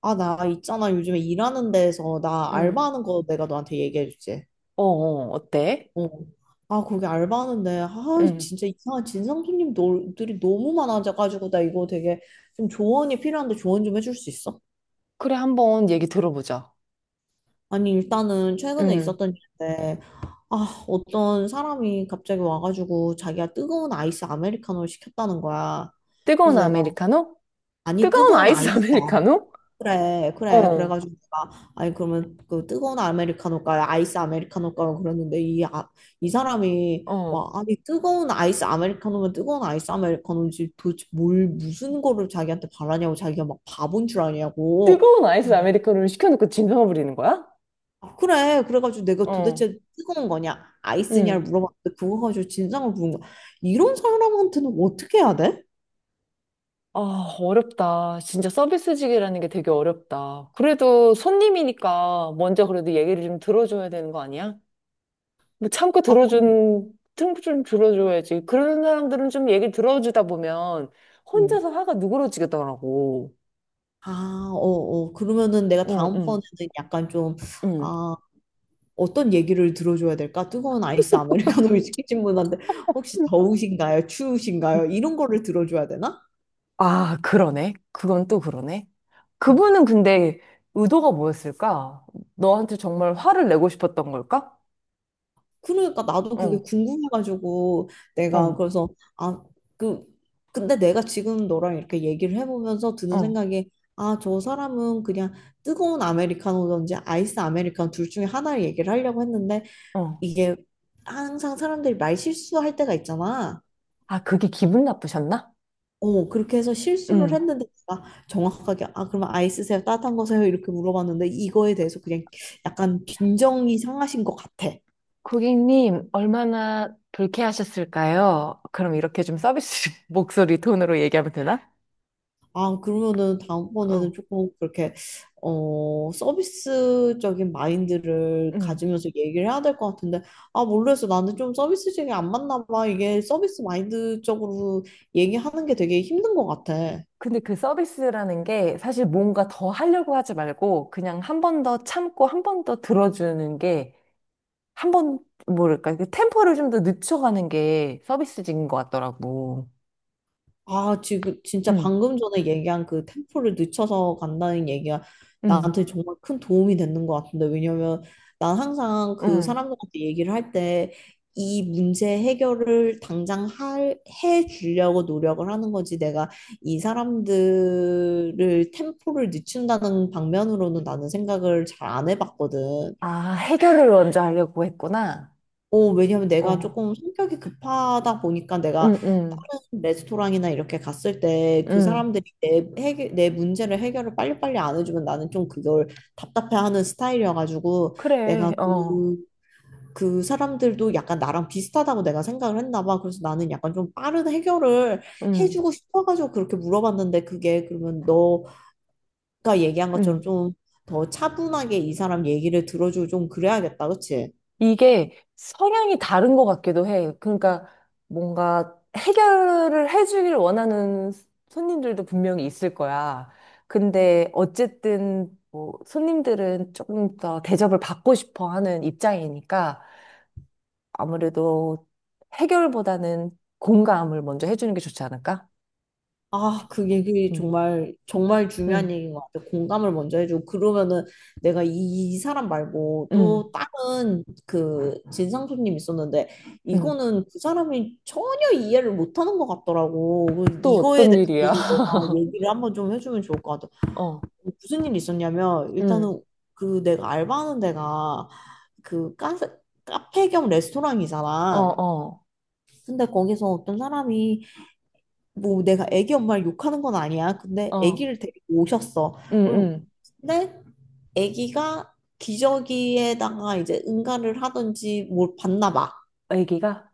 아, 나 있잖아. 요즘에 일하는 데에서 나 응. 알바하는 거 내가 너한테 얘기해 주지. 어, 어, 어때? 어. 아, 거기 알바하는데, 응. 진짜 이상한 진상 손님들이 너무 많아져가지고, 나 이거 되게 좀 조언이 필요한데 조언 좀 해줄 수 있어? 그래, 한번 얘기 들어보자. 아니, 일단은 최근에 응. 있었던 일인데, 어떤 사람이 갑자기 와가지고 자기가 뜨거운 아이스 아메리카노를 시켰다는 거야. 뜨거운 그래서 내가, 아메리카노? 아니, 뜨거운 뜨거운 아이스 아이스. 아메리카노? 그래. 어, 그래가지고 내가 아니 그러면 그 뜨거운 아메리카노가 아이스 아메리카노가 그랬는데 이 사람이 어. 와 아니 뜨거운 아이스 아메리카노면 뜨거운 아이스 아메리카노지 도대체 뭘 무슨 거를 자기한테 바라냐고 자기가 막 바본 줄 아냐고. 뜨거운 아이스 아메리카노를 시켜놓고 진상을 부리는 거야? 그래 그래가지고 내가 어, 도대체 뜨거운 거냐 아이스냐를 응. 물어봤는데 그거 가지고 진상을 부른 거야. 이런 사람한테는 어떻게 해야 돼? 아, 어렵다. 진짜 서비스직이라는 게 되게 어렵다. 그래도 손님이니까 먼저 그래도 얘기를 좀 들어줘야 되는 거 아니야? 뭐 아 그럼. 참고 좀 들어줘야지. 그런 사람들은 좀 얘기 들어주다 보면 혼자서 어. 화가 누그러지겠더라고. 그러면은 내가 응, 다음번에는 응, 약간 좀, 응. 아, 어떤 얘기를 들어줘야 될까? 뜨거운 아이스 아메리카노를 시키신 분한테 혹시 더우신가요? 추우신가요? 이런 거를 들어줘야 되나? 아, 그러네. 그건 또 그러네. 그분은 근데 의도가 뭐였을까? 너한테 정말 화를 내고 싶었던 걸까? 그러니까 나도 그게 응, 궁금해가지고 내가 응, 그래서 아, 그 근데 내가 지금 너랑 이렇게 얘기를 해보면서 드는 응, 생각이, 아, 저 사람은 그냥 뜨거운 아메리카노든지 아이스 아메리카노 둘 중에 하나를 얘기를 하려고 했는데 응. 이게 항상 사람들이 말 실수할 때가 있잖아. 아, 그게 기분 나쁘셨나? 어, 그렇게 해서 실수를 응. 했는데 제가 정확하게 아 그러면 아이스세요 따뜻한 거세요 이렇게 물어봤는데 이거에 대해서 그냥 약간 빈정이 상하신 것 같아. 고객님, 얼마나 불쾌하셨을까요? 그럼 이렇게 좀 서비스 목소리 톤으로 얘기하면 되나? 아 그러면은 다음번에는 어, 조금 그렇게 서비스적인 마인드를 음. 가지면서 얘기를 해야 될 것 같은데. 아 모르겠어, 나는 좀 서비스적이 안 맞나 봐. 이게 서비스 마인드적으로 얘기하는 게 되게 힘든 것 같아. 근데 그 서비스라는 게 사실 뭔가 더 하려고 하지 말고 그냥 한 번 더 참고 한 번 더 들어주는 게 한 번, 뭐랄까, 그 템포를 좀 더 늦춰가는 게 서비스직인 것 같더라고. 아, 지금 진짜 응, 방금 전에 얘기한 그 템포를 늦춰서 간다는 얘기가 응, 나한테 정말 큰 도움이 되는 것 같은데, 왜냐면 난 항상 그 응. 사람들한테 얘기를 할 때 이 문제 해결을 해 주려고 노력을 하는 거지. 내가 이 사람들을 템포를 늦춘다는 방면으로는 나는 생각을 잘 안 해봤거든. 아, 해결을 먼저 하려고 했구나. 어, 왜냐면 내가 어, 조금 성격이 급하다 보니까 내가 응, 응, 다른 레스토랑이나 이렇게 갔을 때 그 응. 사람들이 내 문제를 해결을 빨리빨리 안 해주면 나는 좀 그걸 답답해하는 스타일이어가지고 그래, 내가 어, 그, 그 사람들도 약간 나랑 비슷하다고 내가 생각을 했나 봐. 그래서 나는 약간 좀 빠른 해결을 응, 해주고 싶어가지고 그렇게 물어봤는데, 그게 그러면 너가 얘기한 것처럼 응. 좀 더 차분하게 이 사람 얘기를 들어주고 좀 그래야겠다. 그치? 이게 성향이 다른 것 같기도 해. 그러니까 뭔가 해결을 해주길 원하는 손님들도 분명히 있을 거야. 근데 어쨌든 뭐 손님들은 조금 더 대접을 받고 싶어 하는 입장이니까 아무래도 해결보다는 공감을 먼저 해주는 게 좋지 않을까? 아, 그 얘기 음, 정말, 정말 중요한 음, 얘기인 것 같아. 공감을 먼저 해주고, 그러면은 내가 이, 이 사람 말고 또 음, 다른 그 진상 손님 있었는데, 음. 이거는 그 사람이 전혀 이해를 못 하는 것 같더라고. 그 또 이거에 어떤 일이야? 대해서도 너가 얘기를 한번 좀 해주면 좋을 것 같아. 어, 무슨 일이 있었냐면, 음, 일단은 그 내가 알바하는 데가 그 카페, 카페 겸 어, 레스토랑이잖아. 어, 근데 거기서 어떤 사람이 뭐 내가 애기 엄마를 욕하는 건 아니야. 근데 어, 애기를 데리고 오셨어. 음, 음, 음. 근데 애기가 기저귀에다가 이제 응가를 하든지 뭘 봤나 봐. 애기가?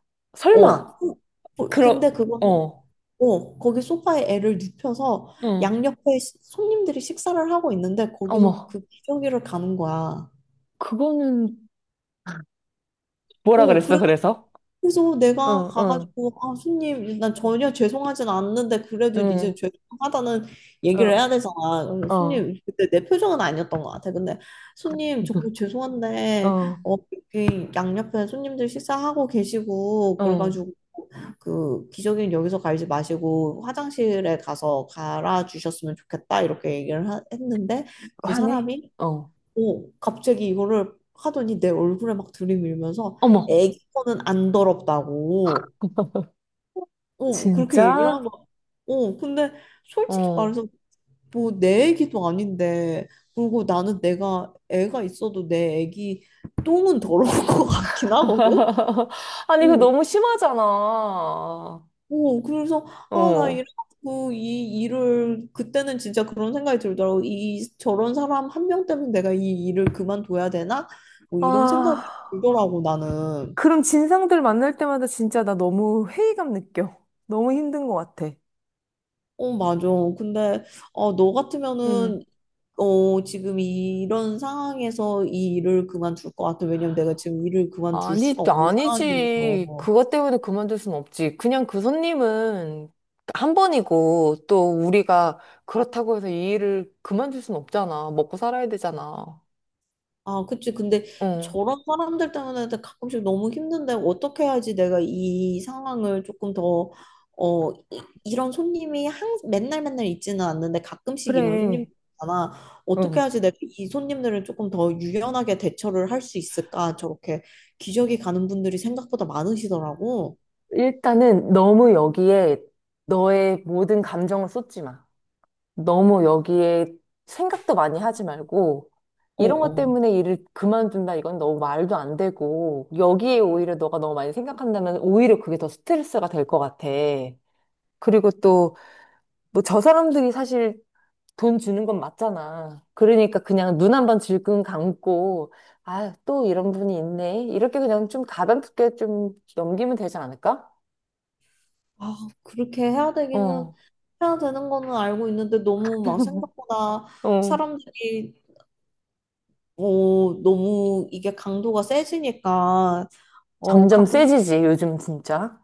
어. 설마? 뭐, 근데 그럼, 그거는 어, 어, 거기 소파에 애를 눕혀서 응, 양옆에 손님들이 식사를 하고 있는데 거기서 어머. 그 기저귀를 가는 거야. 그거는 뭐라 어, 그랬어, 그래. 그래서? 그래서 내가 응, 응, 가가지고 아 손님 난 응, 전혀 죄송하진 않는데 그래도 응, 이제 죄송하다는 얘기를 어, 해야 되잖아. 그래서 손님, 그때 내 표정은 아니었던 것 같아. 근데 손님 정말 죄송한데 어, 어 여기 양옆에 손님들 식사하고 계시고 어, 그래가지고 그 기저귀는 여기서 갈지 마시고 화장실에 가서 갈아 주셨으면 좋겠다 이렇게 했는데 그 화내? 사람이 어, 오, 갑자기 이거를 하더니 내 얼굴에 막 들이밀면서 어머. 애기 거는 안 더럽다고. 오, 그렇게 얘기를 한 진짜? 거야. 오, 근데 솔직히 어. 말해서 뭐 내 애기도 아닌데, 그리고 나는 내가 애가 있어도 내 애기 똥은 더러울 것 같긴 하거든. 아니, 그거 어, 너무 심하잖아. 오, 그래서 아, 나 어. 이래갖고 이 일을, 그때는 진짜 그런 생각이 들더라고. 이 저런 사람 한 명 때문에 내가 이 일을 그만둬야 되나? 뭐 이런 생각이 아, 들더라고 나는. 그럼 진상들 만날 때마다 진짜 나 너무 회의감 느껴. 너무 힘든 것 같아. 어, 맞아. 근데 어, 너 같으면은 음. 어, 지금 이런 상황에서 이 일을 그만둘 것 같아? 왜냐면 내가 지금 일을 그만둘 아니, 수가 없는 아니지. 상황이라서. 그것 때문에 그만둘 순 없지. 그냥 그 손님은 한 번이고, 또 우리가 그렇다고 해서 이 일을 그만둘 순 없잖아. 먹고 살아야 되잖아. 아, 그치. 근데 응, 저런 사람들 때문에 가끔씩 너무 힘든데 어떻게 해야지 내가 이 상황을 조금 더, 어, 이런 손님이 맨날 맨날 있지는 않는데 가끔씩 이런 그래. 손님이잖아. 어떻게 응. 해야지 내가 이 손님들을 조금 더 유연하게 대처를 할 수 있을까? 저렇게 기저귀 가는 분들이 생각보다 많으시더라고. 일단은 너무 여기에 너의 모든 감정을 쏟지 마. 너무 여기에 생각도 많이 하지 말고, 어, 이런 것 어. 때문에 일을 그만둔다, 이건 너무 말도 안 되고, 여기에 오히려 너가 너무 많이 생각한다면 오히려 그게 더 스트레스가 될 것 같아. 그리고 또, 뭐 저 사람들이 사실 돈 주는 건 맞잖아. 그러니까 그냥 눈 한번 질끈 감고, 아, 또 이런 분이 있네. 이렇게 그냥 좀 가볍게 좀 넘기면 되지 않을까? 아, 그렇게 해야 되기는 어, 해야 되는 거는 알고 있는데 너무 막 생각보다 어. 사람들이 어, 너무 이게 강도가 세지니까, 어, 점점 가끔 세지지, 요즘 진짜.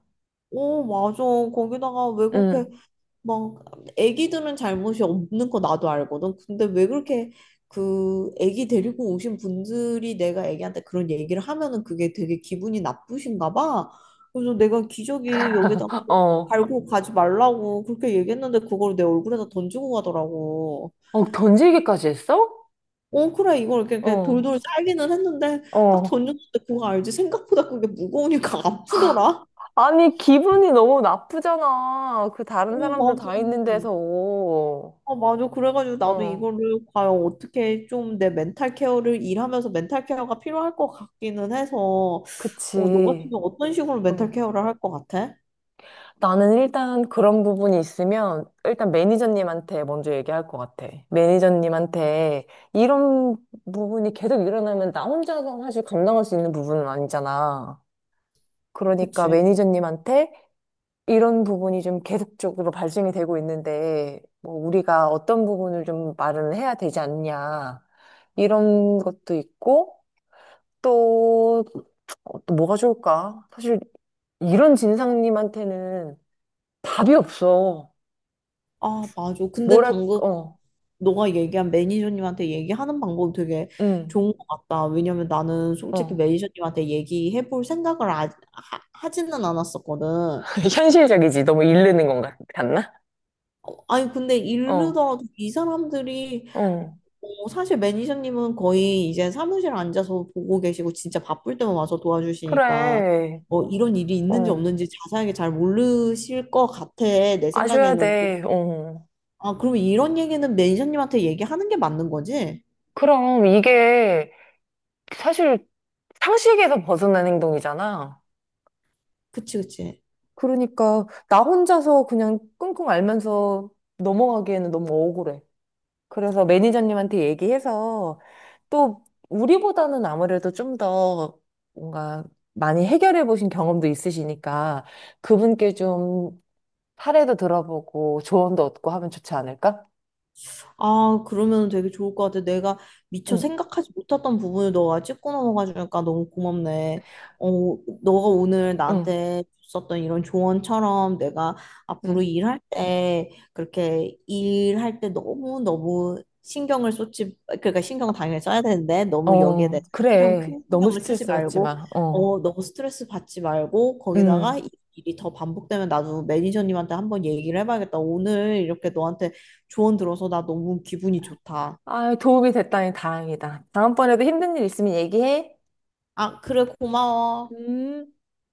오 어, 맞아. 거기다가 왜 그렇게 응, 막, 애기들은 잘못이 없는 거 나도 알거든. 근데 왜 그렇게 그 애기 데리고 오신 분들이 내가 애기한테 그런 얘기를 하면은 그게 되게 기분이 나쁘신가 봐. 그래서 내가 기저귀 여기다 뭐 어. 갈고 가지 말라고 그렇게 얘기했는데 그걸 내 얼굴에다 던지고 가더라고. 어, 던지기까지 했어? 어 그래 이걸 이렇게 어. 돌돌 쌀기는 했는데 딱 어. 던졌는데 그거 알지? 생각보다 그게 무거우니까 아프더라. 아니, 기분이 너무 나쁘잖아. 그 다른 어 사람들 맞아. 다 있는 데서. 아 맞아. 그래가지고 나도 어, 이거를 과연 어떻게 좀 내 멘탈 케어를, 일하면서 멘탈 케어가 필요할 것 같기는 해서, 어, 너 같은 그치. 경우 어떤 식으로 멘탈 응. 케어를 할 것 같아? 나는 일단 그런 부분이 있으면 일단 매니저님한테 먼저 얘기할 것 같아. 매니저님한테 이런 부분이 계속 일어나면 나 혼자서 사실 감당할 수 있는 부분은 아니잖아. 그러니까 그치? 매니저님한테 이런 부분이 좀 계속적으로 발생이 되고 있는데, 뭐, 우리가 어떤 부분을 좀 말을 해야 되지 않냐, 이런 것도 있고, 또, 어, 또 뭐가 좋을까? 사실, 이런 진상님한테는 답이 없어. 아 맞아. 근데 뭐랄, 방금 어, 너가 얘기한 매니저님한테 얘기하는 방법이 되게 응, 좋은 것 같다. 왜냐면 나는 솔직히 어. 매니저님한테 얘기해 볼 생각을 하지는 않았었거든. 현실적이지. 너무 이르는 건 같나? 아니, 근데 어, 이르더라도 이 사람들이, 응. 어, 사실 매니저님은 거의 이제 사무실 앉아서 보고 계시고 진짜 바쁠 때만 와서 도와주시니까, 그래, 어, 이런 일이 있는지 어. 없는지 자세하게 잘 모르실 것 같아. 내 아셔야 생각에는. 돼, 어. 아, 그럼 이런 얘기는 매니저님한테 얘기하는 게 맞는 거지? 그럼 사실 상식에서 벗어난 행동이잖아. 그치. 그러니까 나 혼자서 그냥 끙끙 앓면서 넘어가기에는 너무 억울해. 그래서 매니저님한테 얘기해서 또 우리보다는 아무래도 좀 더 뭔가 많이 해결해 보신 경험도 있으시니까 그분께 좀 사례도 들어보고 조언도 얻고 하면 좋지 않을까? 아, 그러면 되게 좋을 것 같아. 내가 미처 응, 생각하지 못했던 부분을 너가 짚고 넘어가주니까 너무 고맙네. 어, 너가 오늘 응, 나한테 줬었던 이런 조언처럼 내가 앞으로 응. 일할 때, 그렇게 일할 때 너무너무 신경을 쏟지, 그러니까 신경 당연히 써야 되는데 너무 여기에 어, 대해서 신경, 그래. 큰 너무 신경을 쓰지 스트레스 받지 말고, 마. 어, 어, 너무 스트레스 받지 말고, 거기다가 응. 이 일이 더 반복되면 나도 매니저님한테 한번 얘기를 해봐야겠다. 오늘 이렇게 너한테 조언 들어서 나 너무 기분이 좋다. 아, 도움이 됐다니 다행이다. 다음번에도 힘든 일 있으면 얘기해. 아, 그래, 고마워. 음.